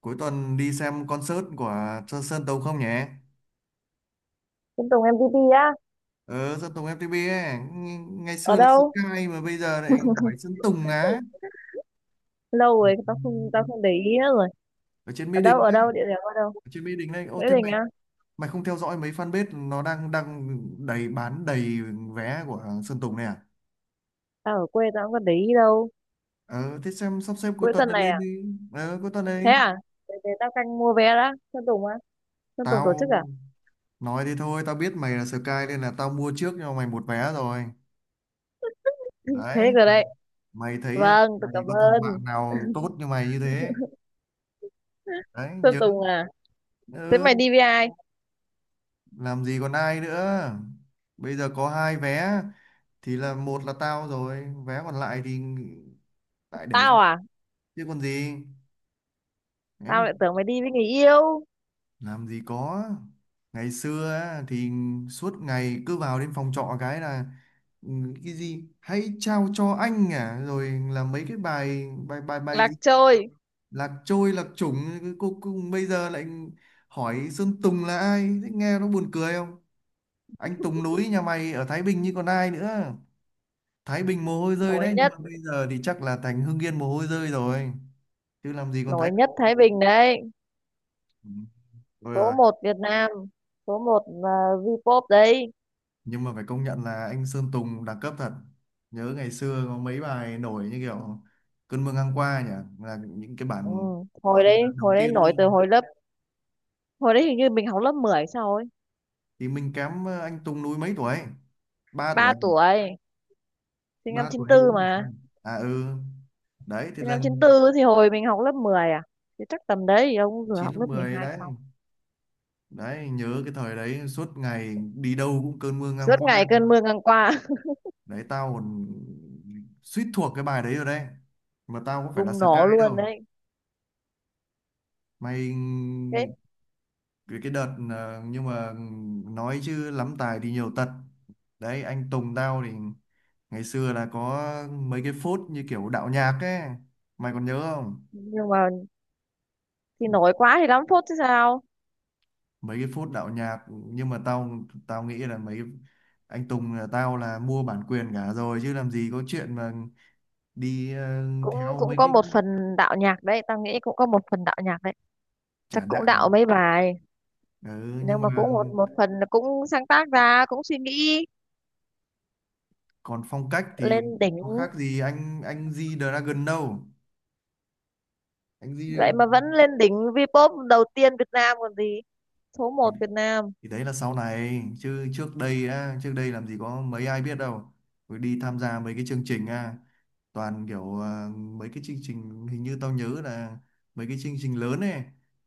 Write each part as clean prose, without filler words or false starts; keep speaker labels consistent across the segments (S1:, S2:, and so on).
S1: Cuối tuần đi xem concert của Sơn Sơn Tùng không nhỉ?
S2: Trên Tùng em MTP á,
S1: Ờ, Sơn Tùng FTP ấy. Ngày
S2: ở
S1: xưa là
S2: đâu?
S1: Sky mà bây giờ lại hỏi Sơn Tùng á.
S2: Lâu
S1: Ừ.
S2: rồi tao không để ý nữa rồi.
S1: Ở trên
S2: Ở
S1: Mỹ
S2: đâu
S1: Đình
S2: ở
S1: ấy,
S2: đâu, địa điểm ở đâu?
S1: ở trên Mỹ Đình đấy. Ô,
S2: Nghĩa
S1: thế
S2: Đình
S1: mày
S2: á?
S1: mày không theo dõi mấy fanpage, nó đang đang đầy, bán đầy vé của Sơn Tùng này à?
S2: Tao ở quê tao không có để ý đâu.
S1: Ờ, thế xem sắp xếp cuối
S2: Cuối
S1: tuần
S2: tuần
S1: này
S2: này
S1: lên
S2: à?
S1: đi. Ờ, cuối tuần
S2: Thế
S1: đấy.
S2: à? Để tao canh mua vé đã. Sơn Tùng á? Sơn Tùng tổ
S1: Tao
S2: chức à?
S1: nói thế thôi, tao biết mày là Sky nên là tao mua trước cho mày một vé rồi.
S2: Thế
S1: Đấy
S2: rồi
S1: mày,
S2: đấy.
S1: mày thấy em
S2: Vâng, tôi
S1: thì
S2: cảm
S1: có thằng
S2: ơn.
S1: bạn nào tốt như mày như thế đấy
S2: Sơn
S1: nhớ.
S2: Tùng à? Thế
S1: Ừ,
S2: mày đi với ai?
S1: làm gì còn ai nữa, bây giờ có hai vé thì là một là tao rồi, vé còn lại thì lại để cho
S2: Tao à?
S1: chứ còn gì. Đấy,
S2: Tao lại tưởng mày đi với người yêu.
S1: làm gì có, ngày xưa á, thì suốt ngày cứ vào đến phòng trọ cái là, ừ, cái gì hãy trao cho anh à, rồi là mấy cái bài bài bài bài
S2: Lạc
S1: gì
S2: trôi.
S1: lạc trôi, lạc chủng, cái cô cùng bây giờ lại hỏi Sơn Tùng là ai, thế nghe nó buồn cười không. Anh Tùng núi nhà mày ở Thái Bình như còn ai nữa, Thái Bình mồ hôi rơi
S2: Nổi
S1: đấy, nhưng
S2: nhất,
S1: mà bây giờ thì chắc là thành Hưng Yên mồ hôi rơi rồi chứ làm gì còn Thái
S2: nổi
S1: Bình.
S2: nhất Thái Bình đấy.
S1: Ừ, thôi
S2: Số
S1: rồi.
S2: một Việt Nam. Số một v đấy.
S1: Nhưng mà phải công nhận là anh Sơn Tùng đẳng cấp thật, nhớ ngày xưa có mấy bài nổi như kiểu cơn mưa ngang qua nhỉ, là những cái
S2: Ừ,
S1: bản gọi
S2: hồi
S1: như là
S2: đấy
S1: đầu
S2: hồi đấy
S1: tiên
S2: nổi từ
S1: luôn.
S2: hồi lớp. Hồi đấy hình như mình học lớp 10 sao ấy.
S1: Thì mình kém anh Tùng núi mấy tuổi, ba
S2: ba
S1: tuổi
S2: tuổi Sinh
S1: 3
S2: năm
S1: tuổi
S2: chín
S1: hay
S2: tư
S1: 4 tuổi,
S2: mà.
S1: à ừ đấy thì
S2: Sinh năm chín
S1: lần
S2: tư thì hồi mình học lớp 10 à, thì chắc tầm đấy thì ông vừa
S1: 9
S2: học
S1: lớp
S2: lớp mười
S1: 10
S2: hai
S1: đấy.
S2: xong.
S1: Đấy nhớ cái thời đấy suốt ngày đi đâu cũng cơn mưa ngang
S2: Suốt
S1: qua,
S2: ngày cơn mưa ngang qua
S1: đấy tao còn suýt thuộc cái bài đấy rồi đấy, mà tao có phải là
S2: bùng
S1: Sky
S2: nổ
S1: đâu
S2: luôn đấy.
S1: mày.
S2: Thế
S1: Cái đợt nhưng mà nói chứ lắm tài thì nhiều tật. Đấy anh Tùng tao thì ngày xưa là có mấy cái phốt như kiểu đạo nhạc ấy, mày còn nhớ không,
S2: nhưng mà thì nổi quá thì lắm phút chứ sao.
S1: mấy cái phút đạo nhạc, nhưng mà tao tao nghĩ là mấy anh Tùng là tao là mua bản quyền cả rồi chứ làm gì có chuyện mà đi
S2: cũng
S1: theo
S2: cũng
S1: mấy
S2: có
S1: cái
S2: một phần đạo nhạc đấy, tao nghĩ cũng có một phần đạo nhạc đấy. Chắc
S1: trả
S2: cũng đạo
S1: đạo.
S2: mấy bài,
S1: Ừ, nhưng
S2: nhưng
S1: mà
S2: mà cũng một một phần là cũng sáng tác ra, cũng suy nghĩ.
S1: còn phong cách thì
S2: Lên đỉnh,
S1: có khác gì anh G Dragon đâu, anh G.
S2: vậy mà vẫn lên đỉnh Vpop đầu tiên Việt Nam còn gì. Số một Việt Nam.
S1: Thì đấy là sau này chứ trước đây á, trước đây làm gì có mấy ai biết đâu, rồi đi tham gia mấy cái chương trình á, toàn kiểu mấy cái chương trình, hình như tao nhớ là mấy cái chương trình lớn này,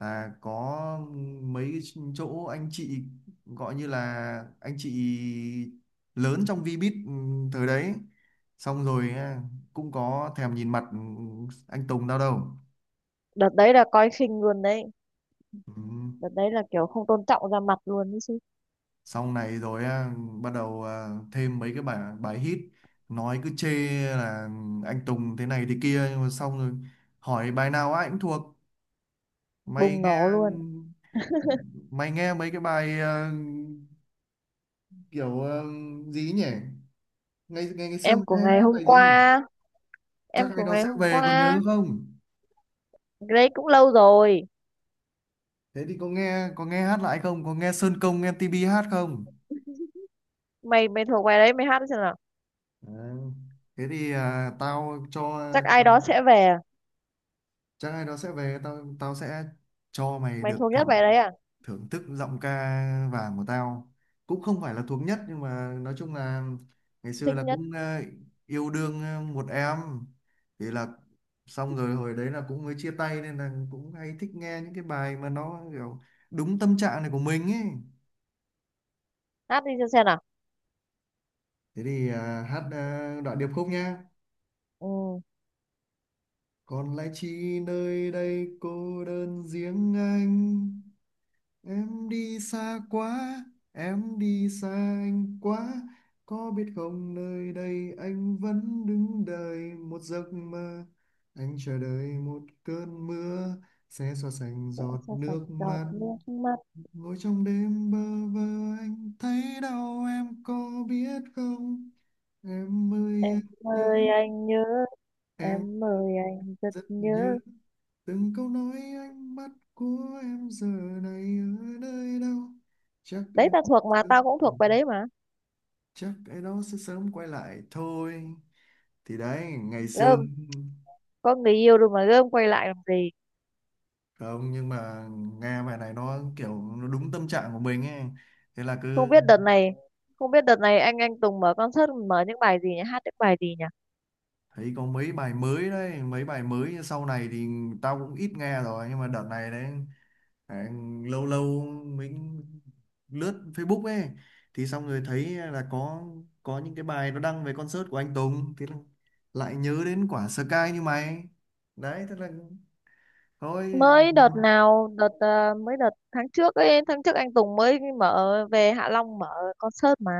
S1: là có mấy cái chỗ anh chị, gọi như là anh chị lớn trong Vbiz, ừ, thời đấy, xong rồi á, cũng có thèm nhìn mặt, ừ, anh Tùng tao đâu.
S2: Đợt đấy là coi khinh luôn đấy.
S1: Ừ.
S2: Đợt đấy là kiểu không tôn trọng ra mặt luôn đấy chứ.
S1: Xong này rồi á, bắt đầu thêm mấy cái bài bài hit, nói cứ chê là anh Tùng thế này thế kia nhưng mà xong rồi, hỏi bài nào ai cũng thuộc. Mày
S2: Bùng
S1: nghe,
S2: nổ
S1: ừ,
S2: luôn.
S1: mày nghe mấy cái bài kiểu gì ấy nhỉ, ngày ngày ngày xưa
S2: Em
S1: mày
S2: của
S1: hay
S2: ngày
S1: hát
S2: hôm
S1: bài gì nhỉ,
S2: qua,
S1: chắc
S2: em
S1: ai
S2: của
S1: đó
S2: ngày
S1: sẽ
S2: hôm
S1: về còn nhớ
S2: qua.
S1: không.
S2: Cái đấy cũng lâu rồi.
S1: Thế thì có nghe hát lại không, có nghe Sơn Công em MTP hát không.
S2: Mày mày thuộc bài đấy, mày hát đi xem nào.
S1: à, thế thì tao cho,
S2: Chắc ai đó sẽ về à?
S1: chắc ai đó sẽ về, tao tao sẽ cho mày
S2: Mày
S1: được
S2: thuộc nhất bài đấy à?
S1: thưởng thức giọng ca vàng của tao. Cũng không phải là thuộc nhất nhưng mà nói chung là, ngày xưa
S2: Thích
S1: là
S2: nhất.
S1: cũng yêu đương một em thì là, xong rồi hồi đấy là cũng mới chia tay nên là cũng hay thích nghe những cái bài mà nó kiểu đúng tâm trạng này của mình ấy.
S2: Hát đi cho xem nào.
S1: Thế thì hát đoạn điệp khúc nhá:
S2: Ừ,
S1: còn lại chi nơi đây cô đơn riêng anh, em đi xa quá, em đi xa anh quá. Có biết không nơi đây anh vẫn đứng đợi một giấc mơ. Anh chờ đợi một cơn mưa sẽ xóa sạch
S2: sẽ
S1: giọt
S2: cho sạch
S1: nước
S2: giọt
S1: mắt.
S2: nước mắt.
S1: Ngồi trong đêm bơ vơ anh thấy đau em có biết không? Em ơi anh
S2: Em ơi
S1: nhớ
S2: anh nhớ.
S1: em,
S2: Em ơi anh rất
S1: rất nhớ,
S2: nhớ.
S1: từng câu nói ánh mắt của em giờ này ở nơi đâu, chắc
S2: Đấy,
S1: ai
S2: ta thuộc mà,
S1: đó,
S2: tao cũng thuộc bài đấy mà.
S1: chắc ai đó sẽ sớm quay lại thôi. Thì đấy ngày xưa,
S2: Gơm. Có người yêu rồi mà gơm quay lại làm gì.
S1: không nhưng mà nghe bài này nó kiểu nó đúng tâm trạng của mình ấy, thế là
S2: không
S1: cứ
S2: biết đợt này không biết đợt này anh Tùng mở concert, mở những bài gì nhỉ, hát những bài gì nhỉ.
S1: thấy có mấy bài mới đấy, mấy bài mới sau này thì tao cũng ít nghe rồi, nhưng mà đợt này đấy. Đấy, lâu lâu mình lướt Facebook ấy, thì xong rồi thấy là có những cái bài nó đăng về concert của anh Tùng thì là lại nhớ đến quả Sky như mày, đấy thế là thôi
S2: Mới đợt nào đợt ờ, mới đợt tháng trước ấy, tháng trước anh Tùng mới mở về Hạ Long mở concert mà.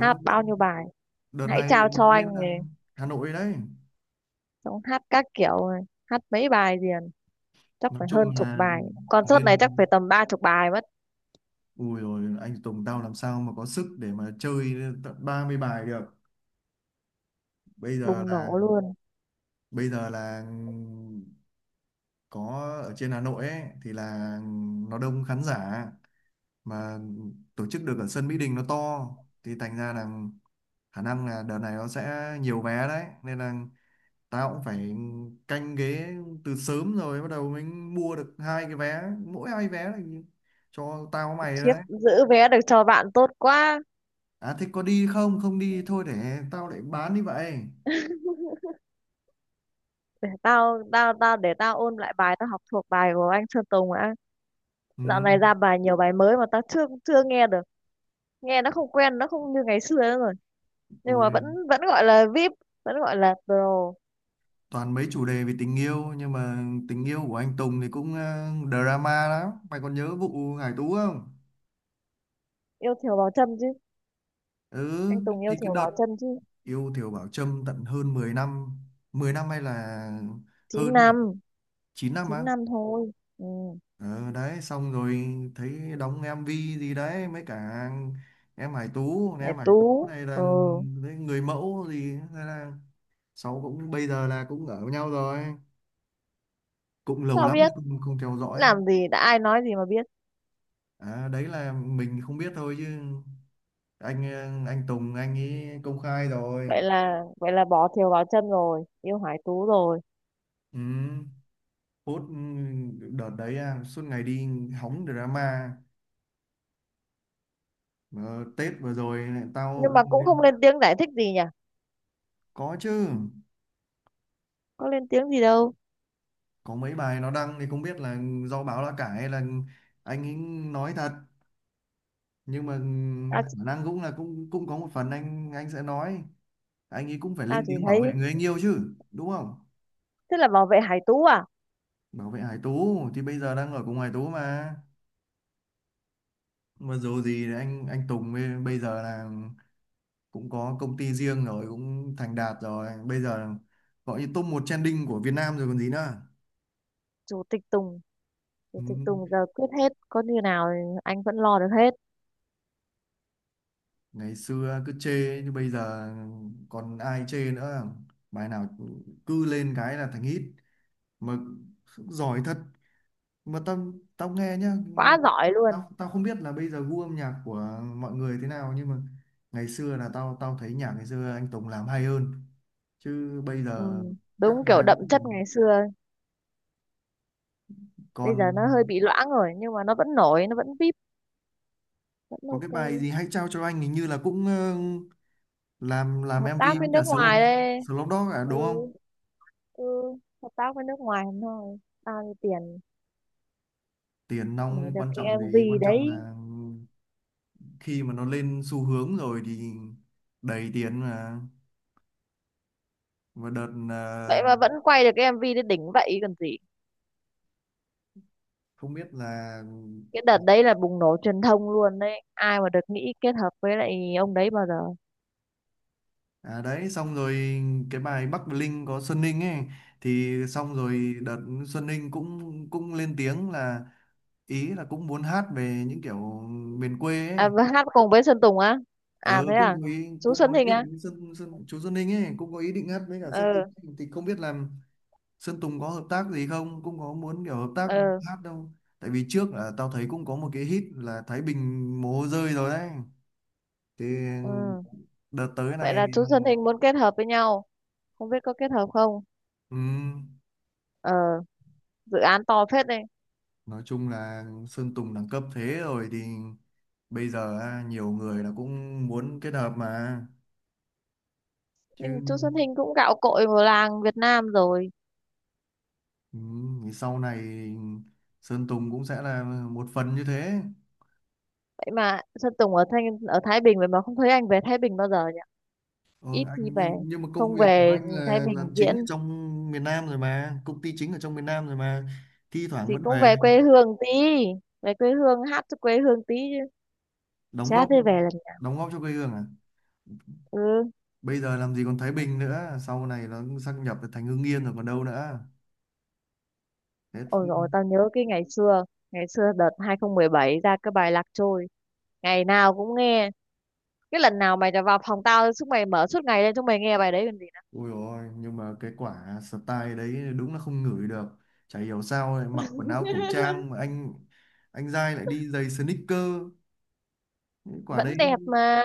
S2: Hát
S1: đợt,
S2: bao nhiêu bài.
S1: đợt
S2: Hãy
S1: này
S2: trao cho
S1: lên
S2: anh
S1: Hà
S2: này.
S1: Hà Nội đấy.
S2: Xong hát các kiểu này. Hát mấy bài liền. Chắc
S1: Nói
S2: phải hơn
S1: chung
S2: chục
S1: là
S2: bài. Concert này chắc
S1: lên,
S2: phải tầm 30 bài mất.
S1: ui rồi anh Tùng tao làm sao mà có sức để mà chơi tận 30 bài được. bây giờ
S2: Bùng
S1: là
S2: nổ luôn.
S1: bây giờ là có ở trên Hà Nội ấy thì là nó đông khán giả, mà tổ chức được ở sân Mỹ Đình nó to thì thành ra là khả năng là đợt này nó sẽ nhiều vé đấy, nên là tao cũng phải canh ghế từ sớm, rồi bắt đầu mình mua được hai cái vé, mỗi hai vé là cho tao với mày rồi
S2: Khiếp,
S1: đấy.
S2: giữ vé được cho bạn tốt quá.
S1: À thế có đi không, không đi thôi để tao lại bán đi vậy.
S2: Tao tao tao để tao ôn lại bài, tao học thuộc bài của anh Sơn Tùng đã.
S1: Ừ.
S2: Dạo này ra bài nhiều bài mới mà ta chưa chưa nghe được. Nghe nó không quen, nó không như ngày xưa nữa rồi. Nhưng mà
S1: Ôi,
S2: vẫn vẫn gọi là VIP, vẫn gọi là pro.
S1: toàn mấy chủ đề về tình yêu nhưng mà tình yêu của anh Tùng thì cũng drama lắm, mày còn nhớ vụ Hải Tú không.
S2: Yêu thiều vào chân chứ.
S1: Ừ,
S2: Anh Tùng yêu
S1: thì cái
S2: thiều
S1: đợt
S2: vào chân chứ.
S1: yêu Thiều Bảo Trâm tận hơn 10 năm, 10 năm hay là
S2: chín
S1: hơn ấy nhỉ,
S2: năm
S1: 9 năm á.
S2: chín năm thôi. Ừ.
S1: Ờ, đấy xong rồi thấy đóng em MV gì đấy mấy cả em Hải Tú
S2: Hải
S1: em Hải Tú
S2: Tú.
S1: này là,
S2: Ừ.
S1: đấy, người mẫu gì, thế là sau cũng bây giờ là cũng ở với nhau rồi, cũng lâu
S2: Sao
S1: lắm rồi
S2: biết?
S1: không theo dõi.
S2: Làm gì đã ai nói gì mà biết.
S1: À, đấy là mình không biết thôi chứ anh Tùng anh ấy công khai
S2: vậy
S1: rồi.
S2: là vậy là bỏ thiều vào chân rồi yêu Hải Tú rồi.
S1: Ừ, phút, ừ, đợt đấy à, suốt ngày đi hóng drama. Ờ, Tết vừa rồi lại
S2: Nhưng
S1: tao
S2: mà cũng không lên tiếng giải thích gì nhỉ.
S1: có chứ,
S2: Có lên tiếng gì đâu.
S1: có mấy bài nó đăng thì không biết là do báo lá cải hay là anh ấy nói thật, nhưng mà ừ,
S2: ta,
S1: khả năng cũng là cũng cũng có một phần anh sẽ nói, anh ấy cũng phải
S2: ta
S1: lên
S2: chỉ
S1: tiếng bảo
S2: thấy
S1: vệ người anh yêu chứ đúng không.
S2: thế là bảo vệ Hải Tú à.
S1: Bảo vệ Hải Tú, thì bây giờ đang ở cùng Hải Tú mà dù gì thì anh Tùng bây bây giờ là cũng có công ty riêng rồi, cũng thành đạt rồi, bây giờ gọi như top 1 trending của Việt Nam rồi còn gì nữa.
S2: Chủ tịch Tùng. Thì
S1: Ừ.
S2: Tùng Tùng giờ quyết hết, có như nào thì anh vẫn lo được hết.
S1: Ngày xưa cứ chê nhưng bây giờ còn ai chê nữa, bài nào cứ lên cái là thành hit mà, giỏi thật. Mà tao tao nghe nhá nhưng mà
S2: Quá giỏi luôn.
S1: tao tao không biết là bây giờ gu âm nhạc của mọi người thế nào, nhưng mà ngày xưa là tao tao thấy nhạc ngày xưa anh Tùng làm hay hơn, chứ bây
S2: Ừ,
S1: giờ các
S2: đúng kiểu
S1: bài nó
S2: đậm
S1: cứ,
S2: chất ngày xưa ấy.
S1: còn
S2: Bây giờ nó hơi bị loãng rồi, nhưng mà nó vẫn nổi, nó vẫn vip, vẫn
S1: có cái
S2: ok.
S1: bài gì hãy trao cho anh hình như là cũng làm
S2: Hợp tác
S1: MV
S2: với
S1: với cả
S2: nước ngoài
S1: Slow,
S2: đây.
S1: Dog à
S2: Ừ,
S1: đúng không.
S2: ừ, hợp tác với nước ngoài thôi. Bao nhiêu tiền
S1: Tiền
S2: để
S1: nong
S2: được
S1: quan
S2: cái
S1: trọng gì,
S2: MV
S1: quan trọng
S2: đấy.
S1: là khi mà nó lên xu hướng rồi thì đầy tiền mà. Và đợt
S2: Vậy mà vẫn quay được cái MV đấy đỉnh vậy còn gì.
S1: không biết là,
S2: Cái đợt đấy là bùng nổ truyền thông luôn đấy. Ai mà được nghĩ kết hợp với lại ông đấy bao giờ.
S1: à đấy xong rồi cái bài Bắc Bling có Xuân Ninh ấy, thì xong rồi đợt Xuân Ninh cũng cũng lên tiếng là, ý là cũng muốn hát về những kiểu miền quê ấy.
S2: À, và hát cùng với Sơn Tùng á? À,
S1: Ừ,
S2: thế à?
S1: cũng có ý
S2: Chú
S1: cũng
S2: Xuân
S1: có
S2: Thịnh
S1: ý
S2: á?
S1: định với Sơn Sơn chú Sơn Ninh ấy cũng có ý định hát với cả Sơn
S2: Ừ,
S1: Tùng. Thì không biết là Sơn Tùng có hợp tác gì không, cũng có muốn kiểu hợp tác
S2: ừ,
S1: hát đâu, tại vì trước là tao thấy cũng có một cái hit là Thái Bình mồ hôi rơi rồi đấy, thì
S2: ừ.
S1: đợt tới
S2: Vậy
S1: này.
S2: là chú Xuân Thịnh muốn kết hợp với nhau. Không biết có kết hợp không.
S1: ừm,
S2: Ờ, dự án to phết đấy.
S1: nói chung là Sơn Tùng đẳng cấp thế rồi thì bây giờ nhiều người là cũng muốn kết hợp mà chứ.
S2: Nhưng chú Xuân Thịnh cũng gạo cội vào làng Việt Nam rồi.
S1: Thì sau này Sơn Tùng cũng sẽ là một phần như thế.
S2: Vậy mà Sơn Tùng ở Thanh ở Thái Bình, vậy mà không thấy anh về Thái Bình bao giờ nhỉ.
S1: Ờ,
S2: Ít
S1: anh
S2: khi về.
S1: nhưng mà- nhưng mà công
S2: Không
S1: việc của
S2: về
S1: anh
S2: Thái
S1: là làm
S2: Bình
S1: chính ở
S2: diễn
S1: trong miền Nam rồi mà, công ty chính ở trong miền Nam rồi mà. Thi thoảng
S2: thì
S1: vẫn
S2: cũng
S1: về
S2: về quê hương tí, về quê hương hát cho quê hương tí chứ.
S1: đóng
S2: Chả
S1: góp
S2: thế về lần.
S1: đóng góp cho quê hương à.
S2: Ừ.
S1: Bây giờ làm gì còn Thái Bình nữa, sau này nó sáp nhập thành Hưng Yên rồi còn đâu nữa. Thế.
S2: Ôi rồi tao nhớ cái ngày xưa đợt 2017 ra cái bài Lạc Trôi, ngày nào cũng nghe. Cái lần nào mày vào phòng tao, chúng mày mở suốt ngày lên, chúng mày nghe bài đấy còn gì nữa.
S1: Ôi ôi, nhưng mà cái quả style đấy đúng là không ngửi được, chả hiểu sao lại mặc quần áo cổ trang mà anh Giai lại đi giày sneaker. Cái quả
S2: Vẫn
S1: đấy
S2: đẹp mà.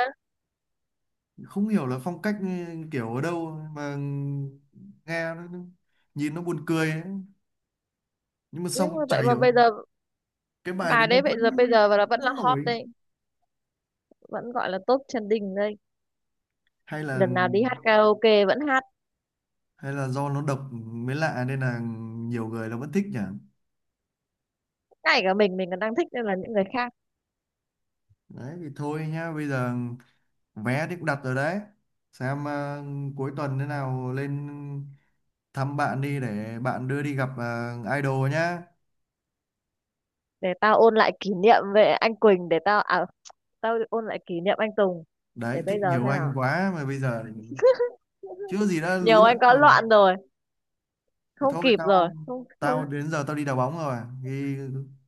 S1: không hiểu là phong cách, ừ, kiểu ở đâu mà, nghe nhìn nó buồn cười ấy. Nhưng mà
S2: Nhưng
S1: xong
S2: mà
S1: chả
S2: vậy mà
S1: hiểu
S2: bây giờ
S1: cái bài đấy
S2: bài
S1: nó
S2: đấy bây giờ bây
S1: vẫn
S2: giờ là vẫn là
S1: vẫn
S2: hot
S1: nổi,
S2: đấy, vẫn gọi là top trending đây.
S1: hay là
S2: Lần nào đi hát karaoke vẫn hát,
S1: hay là do nó độc mới lạ nên là nhiều người nó vẫn thích nhỉ.
S2: ngay cả mình còn đang thích nên là những người khác.
S1: Đấy thì thôi nhá, bây giờ vé thì cũng đặt rồi đấy, xem cuối tuần thế nào lên thăm bạn đi để bạn đưa đi gặp idol nhá.
S2: Để tao ôn lại kỷ niệm về anh Quỳnh, để tao à tao ôn lại kỷ niệm anh Tùng, để
S1: Đấy thích
S2: bây giờ
S1: nhiều
S2: xem
S1: anh
S2: nào.
S1: quá mà bây giờ chưa gì đã lú
S2: Nhiều
S1: lẫn
S2: anh có
S1: rồi.
S2: loạn rồi.
S1: Thế
S2: Không
S1: thôi
S2: kịp rồi,
S1: tao
S2: không, không.
S1: tao đến giờ tao đi đá bóng rồi thì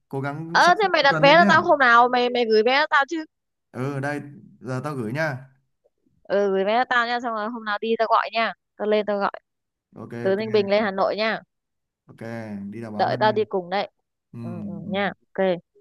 S1: cố gắng sắp
S2: Ờ
S1: xếp
S2: thế mày
S1: cuối
S2: đặt
S1: tuần
S2: vé
S1: lên
S2: cho
S1: nhá.
S2: tao, hôm nào mày mày gửi vé cho tao chứ.
S1: Ừ đây, giờ tao gửi nhá.
S2: Ừ gửi vé cho tao nha, xong rồi hôm nào đi tao gọi nha, tao lên tao gọi.
S1: Ok,
S2: Từ
S1: ok,
S2: Ninh Bình lên Hà Nội nha.
S1: ok, đi đá bóng
S2: Đợi
S1: đây.
S2: tao đi cùng đấy.
S1: Ừ,
S2: Ừ, ừ, nha,
S1: ừ.
S2: ok.